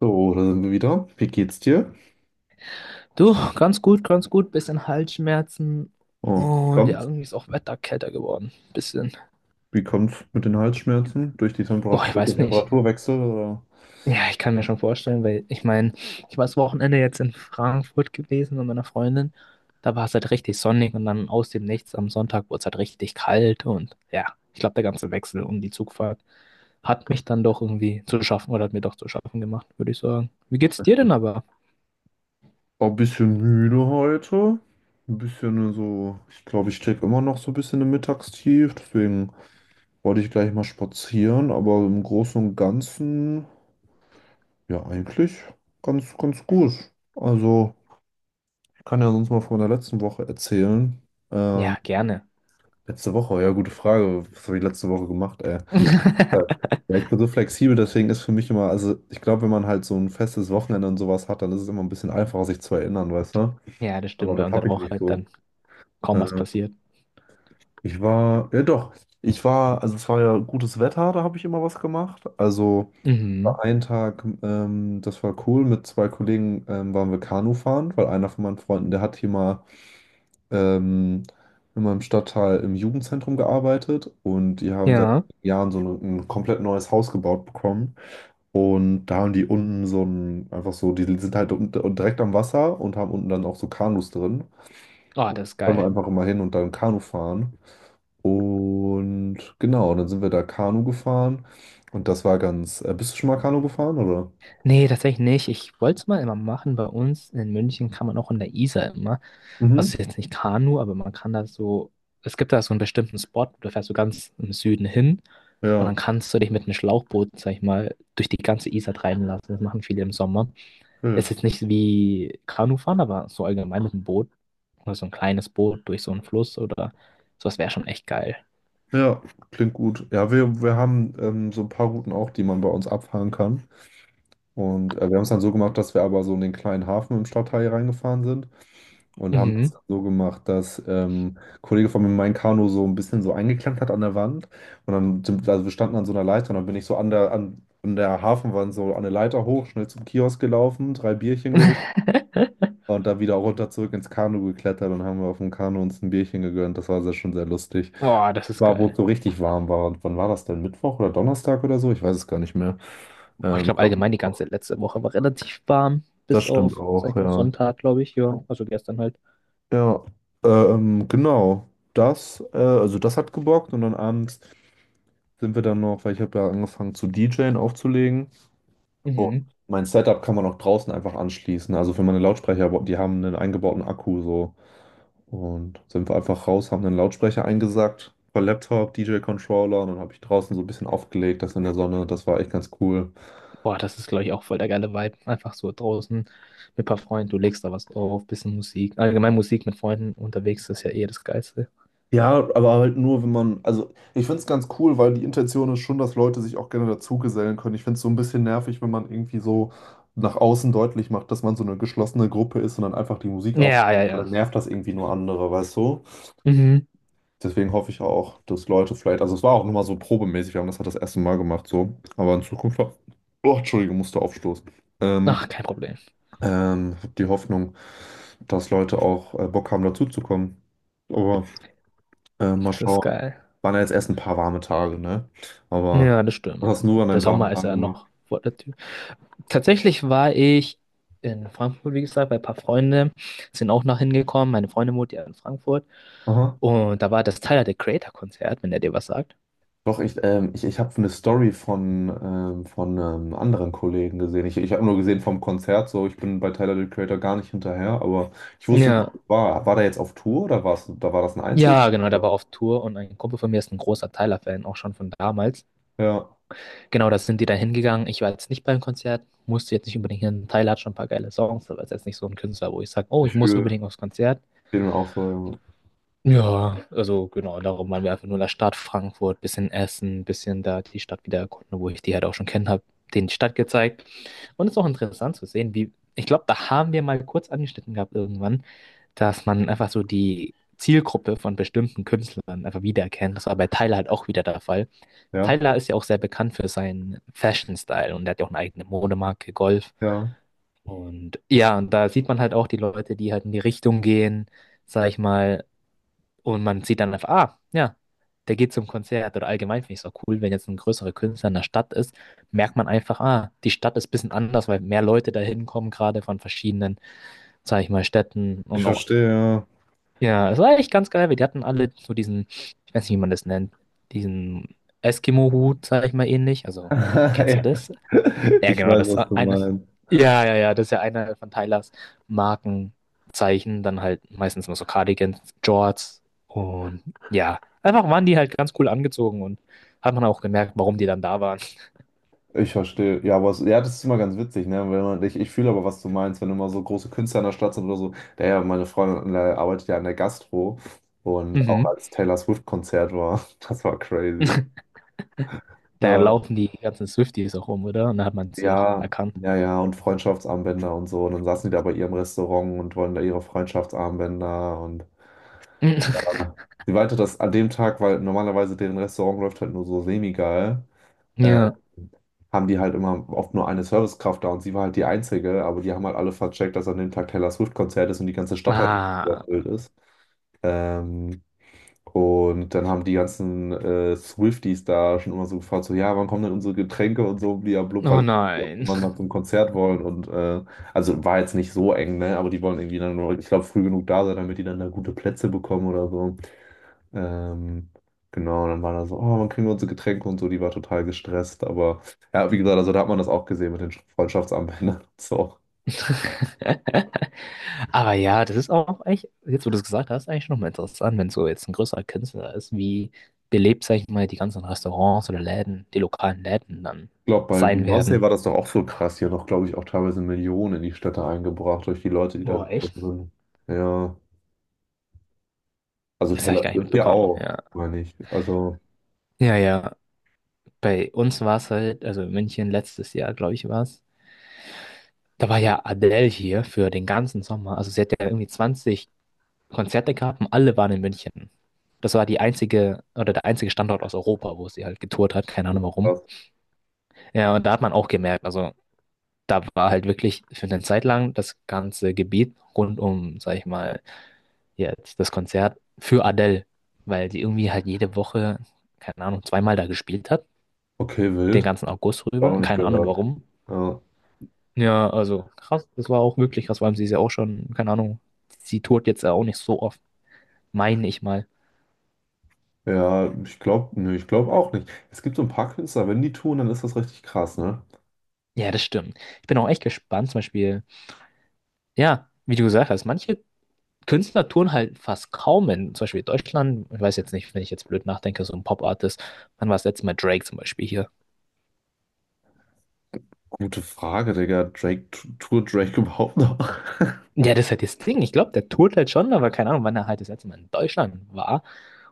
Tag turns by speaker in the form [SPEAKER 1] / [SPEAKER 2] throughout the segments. [SPEAKER 1] So, da sind wir wieder. Wie geht's dir?
[SPEAKER 2] Du, ganz gut, ganz gut. Bisschen Halsschmerzen.
[SPEAKER 1] Oh, wie
[SPEAKER 2] Und ja,
[SPEAKER 1] kommt's?
[SPEAKER 2] irgendwie ist auch Wetter kälter geworden. Bisschen.
[SPEAKER 1] Wie kommt's mit den Halsschmerzen? Durch die
[SPEAKER 2] Boah,
[SPEAKER 1] Temperat
[SPEAKER 2] ich
[SPEAKER 1] durch den
[SPEAKER 2] weiß nicht.
[SPEAKER 1] Temperaturwechsel oder?
[SPEAKER 2] Ja, ich kann mir schon vorstellen, weil ich meine, ich war das Wochenende jetzt in Frankfurt gewesen mit meiner Freundin. Da war es halt richtig sonnig und dann aus dem Nichts am Sonntag wurde es halt richtig kalt. Und ja, ich glaube, der ganze Wechsel um die Zugfahrt hat mich dann doch irgendwie zu schaffen oder hat mir doch zu schaffen gemacht, würde ich sagen. Wie geht's dir denn aber?
[SPEAKER 1] War ein bisschen müde heute. Ein bisschen so, ich glaube, ich stecke immer noch so ein bisschen im Mittagstief. Deswegen wollte ich gleich mal spazieren, aber im Großen und Ganzen, ja, eigentlich ganz, ganz gut. Also, ich kann ja sonst mal von der letzten Woche erzählen. Ähm,
[SPEAKER 2] Ja, gerne.
[SPEAKER 1] Letzte Woche, ja, gute Frage. Was habe ich letzte Woche gemacht, ey? Ja, ich bin so flexibel, deswegen ist für mich immer, also ich glaube, wenn man halt so ein festes Wochenende und sowas hat, dann ist es immer ein bisschen einfacher, sich zu erinnern, weißt du?
[SPEAKER 2] Ja, das
[SPEAKER 1] Aber
[SPEAKER 2] stimmt, weil
[SPEAKER 1] das
[SPEAKER 2] unter
[SPEAKER 1] habe
[SPEAKER 2] der
[SPEAKER 1] ich
[SPEAKER 2] Woche
[SPEAKER 1] nicht
[SPEAKER 2] halt dann
[SPEAKER 1] so.
[SPEAKER 2] kaum was
[SPEAKER 1] Ähm,
[SPEAKER 2] passiert.
[SPEAKER 1] Ich war, ja doch, ich war, also es war ja gutes Wetter, da habe ich immer was gemacht. Also
[SPEAKER 2] Mhm.
[SPEAKER 1] war ein Tag, das war cool, mit zwei Kollegen waren wir Kanu fahren, weil einer von meinen Freunden, der hat hier mal ähm, in meinem Stadtteil im Jugendzentrum gearbeitet und die haben seit
[SPEAKER 2] Ja.
[SPEAKER 1] Jahren so ein komplett neues Haus gebaut bekommen. Und da haben die unten so ein, einfach so, die sind halt unten, direkt am Wasser und haben unten dann auch so Kanus drin.
[SPEAKER 2] Ah, das ist
[SPEAKER 1] Können wir
[SPEAKER 2] geil.
[SPEAKER 1] einfach immer hin und dann Kanu fahren. Und genau, dann sind wir da Kanu gefahren. Und das war ganz. Bist du schon mal Kanu gefahren, oder?
[SPEAKER 2] Nee, tatsächlich nicht. Ich wollte es mal immer machen. Bei uns in München kann man auch in der Isar immer. Also
[SPEAKER 1] Mhm.
[SPEAKER 2] es ist jetzt nicht Kanu, aber man kann da so. Es gibt da so einen bestimmten Spot, da fährst du ganz im Süden hin und dann
[SPEAKER 1] Ja,
[SPEAKER 2] kannst du dich mit einem Schlauchboot, sag ich mal, durch die ganze Isar treiben lassen. Das machen viele im Sommer. Es
[SPEAKER 1] wild.
[SPEAKER 2] ist jetzt nicht wie Kanufahren, aber so allgemein mit einem Boot oder so ein kleines Boot durch so einen Fluss oder sowas wäre schon echt geil.
[SPEAKER 1] Ja, klingt gut. Ja, wir haben so ein paar Routen auch, die man bei uns abfahren kann. Und wir haben es dann so gemacht, dass wir aber so in den kleinen Hafen im Stadtteil reingefahren sind. Und haben das
[SPEAKER 2] Mhm.
[SPEAKER 1] so gemacht, dass ein Kollege von mir mein Kanu so ein bisschen so eingeklemmt hat an der Wand. Und dann, also wir standen an so einer Leiter und dann bin ich so an der Hafenwand so an der Leiter hoch, schnell zum Kiosk gelaufen, drei Bierchen geholt und dann wieder runter zurück ins Kanu geklettert und haben wir auf dem Kanu uns ein Bierchen gegönnt. Das war sehr, schon sehr lustig.
[SPEAKER 2] Boah, das ist
[SPEAKER 1] War, wo es
[SPEAKER 2] geil.
[SPEAKER 1] so richtig warm war. Und wann war das denn? Mittwoch oder Donnerstag oder so? Ich weiß es gar nicht mehr.
[SPEAKER 2] Oh, ich
[SPEAKER 1] Ich
[SPEAKER 2] glaube
[SPEAKER 1] glaube,
[SPEAKER 2] allgemein die
[SPEAKER 1] Mittwoch.
[SPEAKER 2] ganze letzte Woche war relativ warm,
[SPEAKER 1] Das
[SPEAKER 2] bis auf,
[SPEAKER 1] stimmt
[SPEAKER 2] sag
[SPEAKER 1] auch,
[SPEAKER 2] ich mal,
[SPEAKER 1] ja.
[SPEAKER 2] Sonntag, glaube ich. Ja, also gestern halt.
[SPEAKER 1] Ja, genau. Das, also das hat gebockt und dann abends sind wir dann noch, weil ich habe da angefangen zu DJen aufzulegen. Oh.
[SPEAKER 2] Mhm.
[SPEAKER 1] Mein Setup kann man auch draußen einfach anschließen. Also für meine Lautsprecher, die haben einen eingebauten Akku so. Und sind wir einfach raus, haben einen Lautsprecher eingesackt, per Laptop, DJ-Controller und dann habe ich draußen so ein bisschen aufgelegt, das in der Sonne. Das war echt ganz cool.
[SPEAKER 2] Boah, das ist, glaube ich, auch voll der geile Vibe. Einfach so draußen mit ein paar Freunden, du legst da was drauf, bisschen Musik. Allgemein Musik mit Freunden unterwegs ist ja eh das Geilste.
[SPEAKER 1] Ja, aber halt nur, wenn man, also ich finde es ganz cool, weil die Intention ist schon, dass Leute sich auch gerne dazugesellen können. Ich finde es so ein bisschen nervig, wenn man irgendwie so nach außen deutlich macht, dass man so eine geschlossene Gruppe ist und dann einfach die Musik auf,
[SPEAKER 2] Ja, ja, ja.
[SPEAKER 1] dann nervt das irgendwie nur andere, weißt du?
[SPEAKER 2] Mhm.
[SPEAKER 1] Deswegen hoffe ich auch, dass Leute vielleicht, also es war auch nur mal so probemäßig, wir haben das halt das erste Mal gemacht, so, aber in Zukunft, oh, Entschuldige, musste aufstoßen. Ähm,
[SPEAKER 2] Ach, kein Problem.
[SPEAKER 1] Hab die Hoffnung, dass Leute auch Bock haben, dazuzukommen. Aber mal
[SPEAKER 2] Das ist
[SPEAKER 1] schauen.
[SPEAKER 2] geil.
[SPEAKER 1] Waren ja jetzt erst ein paar warme Tage, ne? Aber
[SPEAKER 2] Ja, das
[SPEAKER 1] was
[SPEAKER 2] stimmt.
[SPEAKER 1] hast du nur an
[SPEAKER 2] Der
[SPEAKER 1] deinen warmen
[SPEAKER 2] Sommer ist
[SPEAKER 1] Tagen
[SPEAKER 2] ja
[SPEAKER 1] gemacht?
[SPEAKER 2] noch vor der Tür. Tatsächlich war ich in Frankfurt, wie gesagt, bei ein paar Freunden sind auch noch hingekommen. Meine Freundin wohnt ja in Frankfurt.
[SPEAKER 1] Aha.
[SPEAKER 2] Und da war das Tyler, the Creator-Konzert, wenn der dir was sagt.
[SPEAKER 1] Doch, ich habe eine Story von einem anderen Kollegen gesehen. Ich habe nur gesehen vom Konzert, so ich bin bei Tyler the Creator gar nicht hinterher, aber ich wusste nicht,
[SPEAKER 2] Ja.
[SPEAKER 1] was war. War der jetzt auf Tour oder da war das ein Einzel?
[SPEAKER 2] Ja, genau, der war auf Tour und ein Kumpel von mir ist ein großer Tyler-Fan, auch schon von damals.
[SPEAKER 1] Ja,
[SPEAKER 2] Genau, da sind die dann hingegangen. Ich war jetzt nicht beim Konzert, musste jetzt nicht unbedingt hin. Tyler hat schon ein paar geile Songs, aber ist jetzt nicht so ein Künstler, wo ich sage, oh,
[SPEAKER 1] ich
[SPEAKER 2] ich muss
[SPEAKER 1] fühle
[SPEAKER 2] unbedingt aufs Konzert.
[SPEAKER 1] den auch so.
[SPEAKER 2] Ja, also genau, darum waren wir einfach nur in der Stadt Frankfurt, bisschen essen, bisschen da die Stadt wieder erkunden, wo ich die halt auch schon kennen habe, denen die Stadt gezeigt. Und es ist auch interessant zu sehen, wie, ich glaube, da haben wir mal kurz angeschnitten gehabt irgendwann, dass man einfach so die Zielgruppe von bestimmten Künstlern einfach wiedererkennt. Das war bei Tyler halt auch wieder der Fall.
[SPEAKER 1] Ja,
[SPEAKER 2] Tyler ist ja auch sehr bekannt für seinen Fashion-Style und er hat ja auch eine eigene Modemarke, Golf.
[SPEAKER 1] ja.
[SPEAKER 2] Und ja, und da sieht man halt auch die Leute, die halt in die Richtung gehen, sag ich mal, und man sieht dann einfach, ah, ja, der geht zum Konzert. Oder allgemein finde ich es auch cool, wenn jetzt ein größerer Künstler in der Stadt ist, merkt man einfach, ah, die Stadt ist ein bisschen anders, weil mehr Leute da hinkommen, gerade von verschiedenen, sage ich mal, Städten
[SPEAKER 1] Ich
[SPEAKER 2] und auch,
[SPEAKER 1] verstehe, ja.
[SPEAKER 2] ja, es war echt ganz geil, weil die hatten alle so diesen, ich weiß nicht, wie man das nennt, diesen Eskimo-Hut, sage ich mal, ähnlich. Also, kennst du
[SPEAKER 1] Ja.
[SPEAKER 2] das? Ja,
[SPEAKER 1] Ich
[SPEAKER 2] genau,
[SPEAKER 1] weiß,
[SPEAKER 2] das ist
[SPEAKER 1] was du
[SPEAKER 2] eine.
[SPEAKER 1] meinst.
[SPEAKER 2] Ja, ja, ja, das ist ja einer von Tylers Markenzeichen. Dann halt meistens immer so Cardigans, Jorts und ja, einfach waren die halt ganz cool angezogen und hat man auch gemerkt, warum die dann da waren.
[SPEAKER 1] Ich verstehe. Ja, aber es, ja, das ist immer ganz witzig, ne? Wenn man, ich fühle aber, was du meinst, wenn immer so große Künstler in der Stadt sind oder so. Der ja, meine Freundin arbeitet ja an der Gastro und auch
[SPEAKER 2] Mhm.
[SPEAKER 1] als Taylor Swift-Konzert war, das war crazy.
[SPEAKER 2] Da
[SPEAKER 1] Ja,
[SPEAKER 2] laufen die ganzen Swifties auch rum, oder? Und da hat man sie auch
[SPEAKER 1] ja,
[SPEAKER 2] erkannt.
[SPEAKER 1] ja, ja, und Freundschaftsarmbänder und so. Und dann saßen die da bei ihrem Restaurant und wollen da ihre Freundschaftsarmbänder und ja. Sie meinte, dass an dem Tag, weil normalerweise deren Restaurant läuft halt nur so semi-geil. äh,
[SPEAKER 2] Ja.
[SPEAKER 1] Haben die halt immer oft nur eine Servicekraft da und sie war halt die Einzige, aber die haben halt alle vercheckt, dass an dem Tag Taylor Swift-Konzert ist und die ganze Stadt halt
[SPEAKER 2] Ah,
[SPEAKER 1] überfüllt ist. Ähm, und dann haben die ganzen Swifties da schon immer so gefragt, so, ja, wann kommen denn unsere Getränke und so, blub,
[SPEAKER 2] oh
[SPEAKER 1] weil die auch
[SPEAKER 2] nein.
[SPEAKER 1] immer mal zum Konzert wollen und also war jetzt nicht so eng, ne, aber die wollen irgendwie dann, nur, ich glaube, früh genug da sein, damit die dann da gute Plätze bekommen oder so. Ähm, genau, und dann war da so, oh, wann kriegen wir unsere Getränke und so, die war total gestresst, aber ja, wie gesagt, also da hat man das auch gesehen mit den Freundschaftsarmbändern und so.
[SPEAKER 2] Aber ja, das ist auch echt, jetzt wo du es gesagt hast, eigentlich nochmal interessant, wenn so jetzt ein größerer Künstler ist, wie belebt, sag ich mal, die ganzen Restaurants oder Läden, die lokalen Läden dann
[SPEAKER 1] Ich glaube, bei
[SPEAKER 2] sein
[SPEAKER 1] Beyoncé
[SPEAKER 2] werden.
[SPEAKER 1] war das doch auch so krass. Die hat doch, glaube ich, auch teilweise Millionen in die Städte eingebracht durch die Leute, die da
[SPEAKER 2] Boah, echt?
[SPEAKER 1] gekommen sind. Ja, also
[SPEAKER 2] Das habe ich
[SPEAKER 1] Taylor
[SPEAKER 2] gar nicht
[SPEAKER 1] Swift ja
[SPEAKER 2] mitbekommen,
[SPEAKER 1] auch,
[SPEAKER 2] ja.
[SPEAKER 1] meine ich. Also,
[SPEAKER 2] Ja, ja. Bei uns war es halt, also in München letztes Jahr, glaube ich, war es. Da war ja Adele hier für den ganzen Sommer. Also sie hat ja irgendwie 20 Konzerte gehabt und alle waren in München. Das war die einzige, oder der einzige Standort aus Europa, wo sie halt getourt hat, keine
[SPEAKER 1] ja,
[SPEAKER 2] Ahnung warum.
[SPEAKER 1] krass.
[SPEAKER 2] Ja, und da hat man auch gemerkt, also da war halt wirklich für eine Zeit lang das ganze Gebiet rund um, sag ich mal, jetzt das Konzert für Adele, weil die irgendwie halt jede Woche, keine Ahnung, zweimal da gespielt hat,
[SPEAKER 1] Okay,
[SPEAKER 2] den
[SPEAKER 1] wild.
[SPEAKER 2] ganzen August
[SPEAKER 1] War
[SPEAKER 2] rüber,
[SPEAKER 1] noch nicht
[SPEAKER 2] keine Ahnung
[SPEAKER 1] gehört.
[SPEAKER 2] warum.
[SPEAKER 1] Ja,
[SPEAKER 2] Ja, also krass, das war auch wirklich krass, vor allem sie ist ja auch schon, keine Ahnung, sie tourt jetzt ja auch nicht so oft, meine ich mal.
[SPEAKER 1] ja ich glaube, nee, ich glaube auch nicht. Es gibt so ein paar Künstler, wenn die tun, dann ist das richtig krass, ne?
[SPEAKER 2] Ja, das stimmt. Ich bin auch echt gespannt, zum Beispiel, ja, wie du gesagt hast, manche Künstler tun halt fast kaum in, zum Beispiel Deutschland, ich weiß jetzt nicht, wenn ich jetzt blöd nachdenke, so ein Pop-Artist, wann war das letzte Mal Drake zum Beispiel hier?
[SPEAKER 1] Gute Frage, Digga. Drake, tut Drake überhaupt noch?
[SPEAKER 2] Ja, das ist halt das Ding. Ich glaube, der tourt halt schon, aber keine Ahnung, wann er halt das letzte Mal in Deutschland war.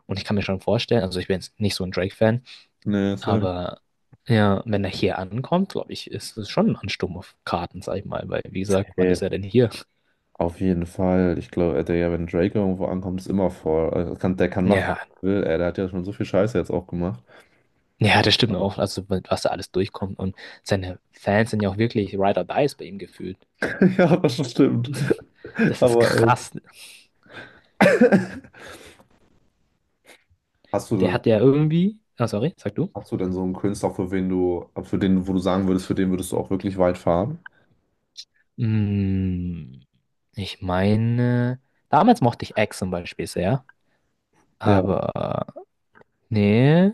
[SPEAKER 2] Und ich kann mir schon vorstellen, also ich bin jetzt nicht so ein Drake-Fan,
[SPEAKER 1] Nee, Sam.
[SPEAKER 2] aber ja, wenn er hier ankommt, glaube ich, ist es schon ein Ansturm auf Karten, sag ich mal, weil wie gesagt, wann
[SPEAKER 1] Ey,
[SPEAKER 2] ist er denn hier?
[SPEAKER 1] auf jeden Fall. Ich glaube, Digga, wenn Drake irgendwo ankommt, ist immer vor. Also, kann, der kann machen,
[SPEAKER 2] Ja,
[SPEAKER 1] was er will. Ey, der hat ja schon so viel Scheiße jetzt auch gemacht.
[SPEAKER 2] ja, das stimmt
[SPEAKER 1] Aber,
[SPEAKER 2] auch, also was da alles durchkommt und seine Fans sind ja auch wirklich Ride or Dies bei ihm gefühlt.
[SPEAKER 1] ja, das stimmt.
[SPEAKER 2] Das ist
[SPEAKER 1] Aber ey.
[SPEAKER 2] krass.
[SPEAKER 1] Hast du
[SPEAKER 2] Der
[SPEAKER 1] denn,
[SPEAKER 2] hat ja irgendwie. Ah, sorry, sag du.
[SPEAKER 1] hast du denn so einen Künstler, für wen du, für den, wo du sagen würdest, für den würdest du auch wirklich weit fahren?
[SPEAKER 2] Mm, ich meine, damals mochte ich Eggs zum Beispiel sehr,
[SPEAKER 1] Ja,
[SPEAKER 2] aber nee,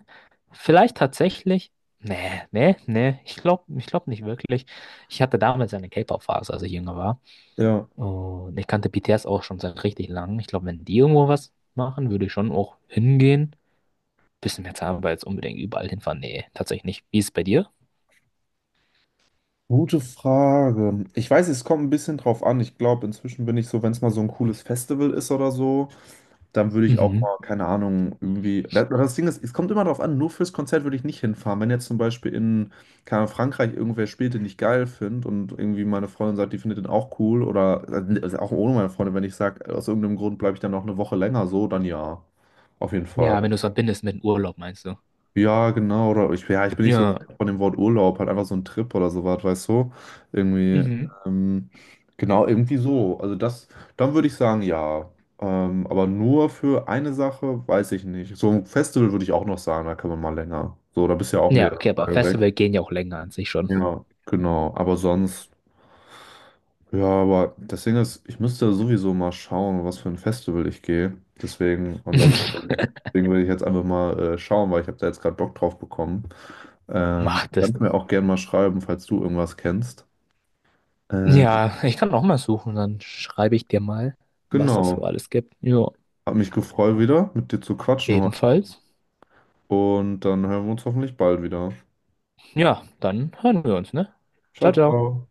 [SPEAKER 2] vielleicht tatsächlich. Nee, nee, nee, ich glaub nicht wirklich. Ich hatte damals eine K-Pop-Phase, als ich jünger war.
[SPEAKER 1] ja.
[SPEAKER 2] Und ich kannte BTS auch schon seit richtig lang. Ich glaube, wenn die irgendwo was machen, würde ich schon auch hingehen. Bisschen mehr Zeit, aber jetzt unbedingt überall hinfahren. Nee, tatsächlich nicht. Wie ist es bei dir?
[SPEAKER 1] Gute Frage. Ich weiß, es kommt ein bisschen drauf an. Ich glaube, inzwischen bin ich so, wenn es mal so ein cooles Festival ist oder so. Dann würde ich auch
[SPEAKER 2] Mhm.
[SPEAKER 1] mal, keine Ahnung, irgendwie. Das Ding ist, es kommt immer darauf an, nur fürs Konzert würde ich nicht hinfahren. Wenn jetzt zum Beispiel in, keine Ahnung, Frankreich irgendwer spielt, den ich geil finde und irgendwie meine Freundin sagt, die findet den auch cool oder also auch ohne meine Freundin, wenn ich sage, aus irgendeinem Grund bleibe ich dann noch eine Woche länger so, dann ja, auf jeden
[SPEAKER 2] Ja,
[SPEAKER 1] Fall.
[SPEAKER 2] wenn du es verbindest mit dem Urlaub, meinst du?
[SPEAKER 1] Ja, genau. Oder ich, ja, ich bin nicht so
[SPEAKER 2] Ja.
[SPEAKER 1] von dem Wort Urlaub, halt einfach so ein Trip oder sowas, weißt du? Irgendwie,
[SPEAKER 2] Mhm.
[SPEAKER 1] ähm, genau, irgendwie so. Also das, dann würde ich sagen, ja. Aber nur für eine Sache, weiß ich nicht. So ein Festival würde ich auch noch sagen, da kann man mal länger. So, da bist du ja auch
[SPEAKER 2] Ja,
[SPEAKER 1] mehrere
[SPEAKER 2] okay, aber
[SPEAKER 1] Tage weg.
[SPEAKER 2] Festival gehen ja auch länger an sich schon.
[SPEAKER 1] Ja, genau. Aber sonst, ja, aber das Ding ist, ich müsste sowieso mal schauen, was für ein Festival ich gehe. Deswegen, und da, deswegen will ich jetzt einfach mal schauen, weil ich habe da jetzt gerade Bock drauf bekommen. Ähm,
[SPEAKER 2] Mach das.
[SPEAKER 1] kannst mir auch gerne mal schreiben, falls du irgendwas kennst. Äh,
[SPEAKER 2] Ja, ich kann auch mal suchen, dann schreibe ich dir mal, was es so
[SPEAKER 1] genau.
[SPEAKER 2] alles gibt. Ja,
[SPEAKER 1] Hat mich gefreut wieder, mit dir zu quatschen heute.
[SPEAKER 2] ebenfalls.
[SPEAKER 1] Und dann hören wir uns hoffentlich bald wieder.
[SPEAKER 2] Ja, dann hören wir uns, ne? Ciao,
[SPEAKER 1] Ciao,
[SPEAKER 2] ciao.
[SPEAKER 1] ciao.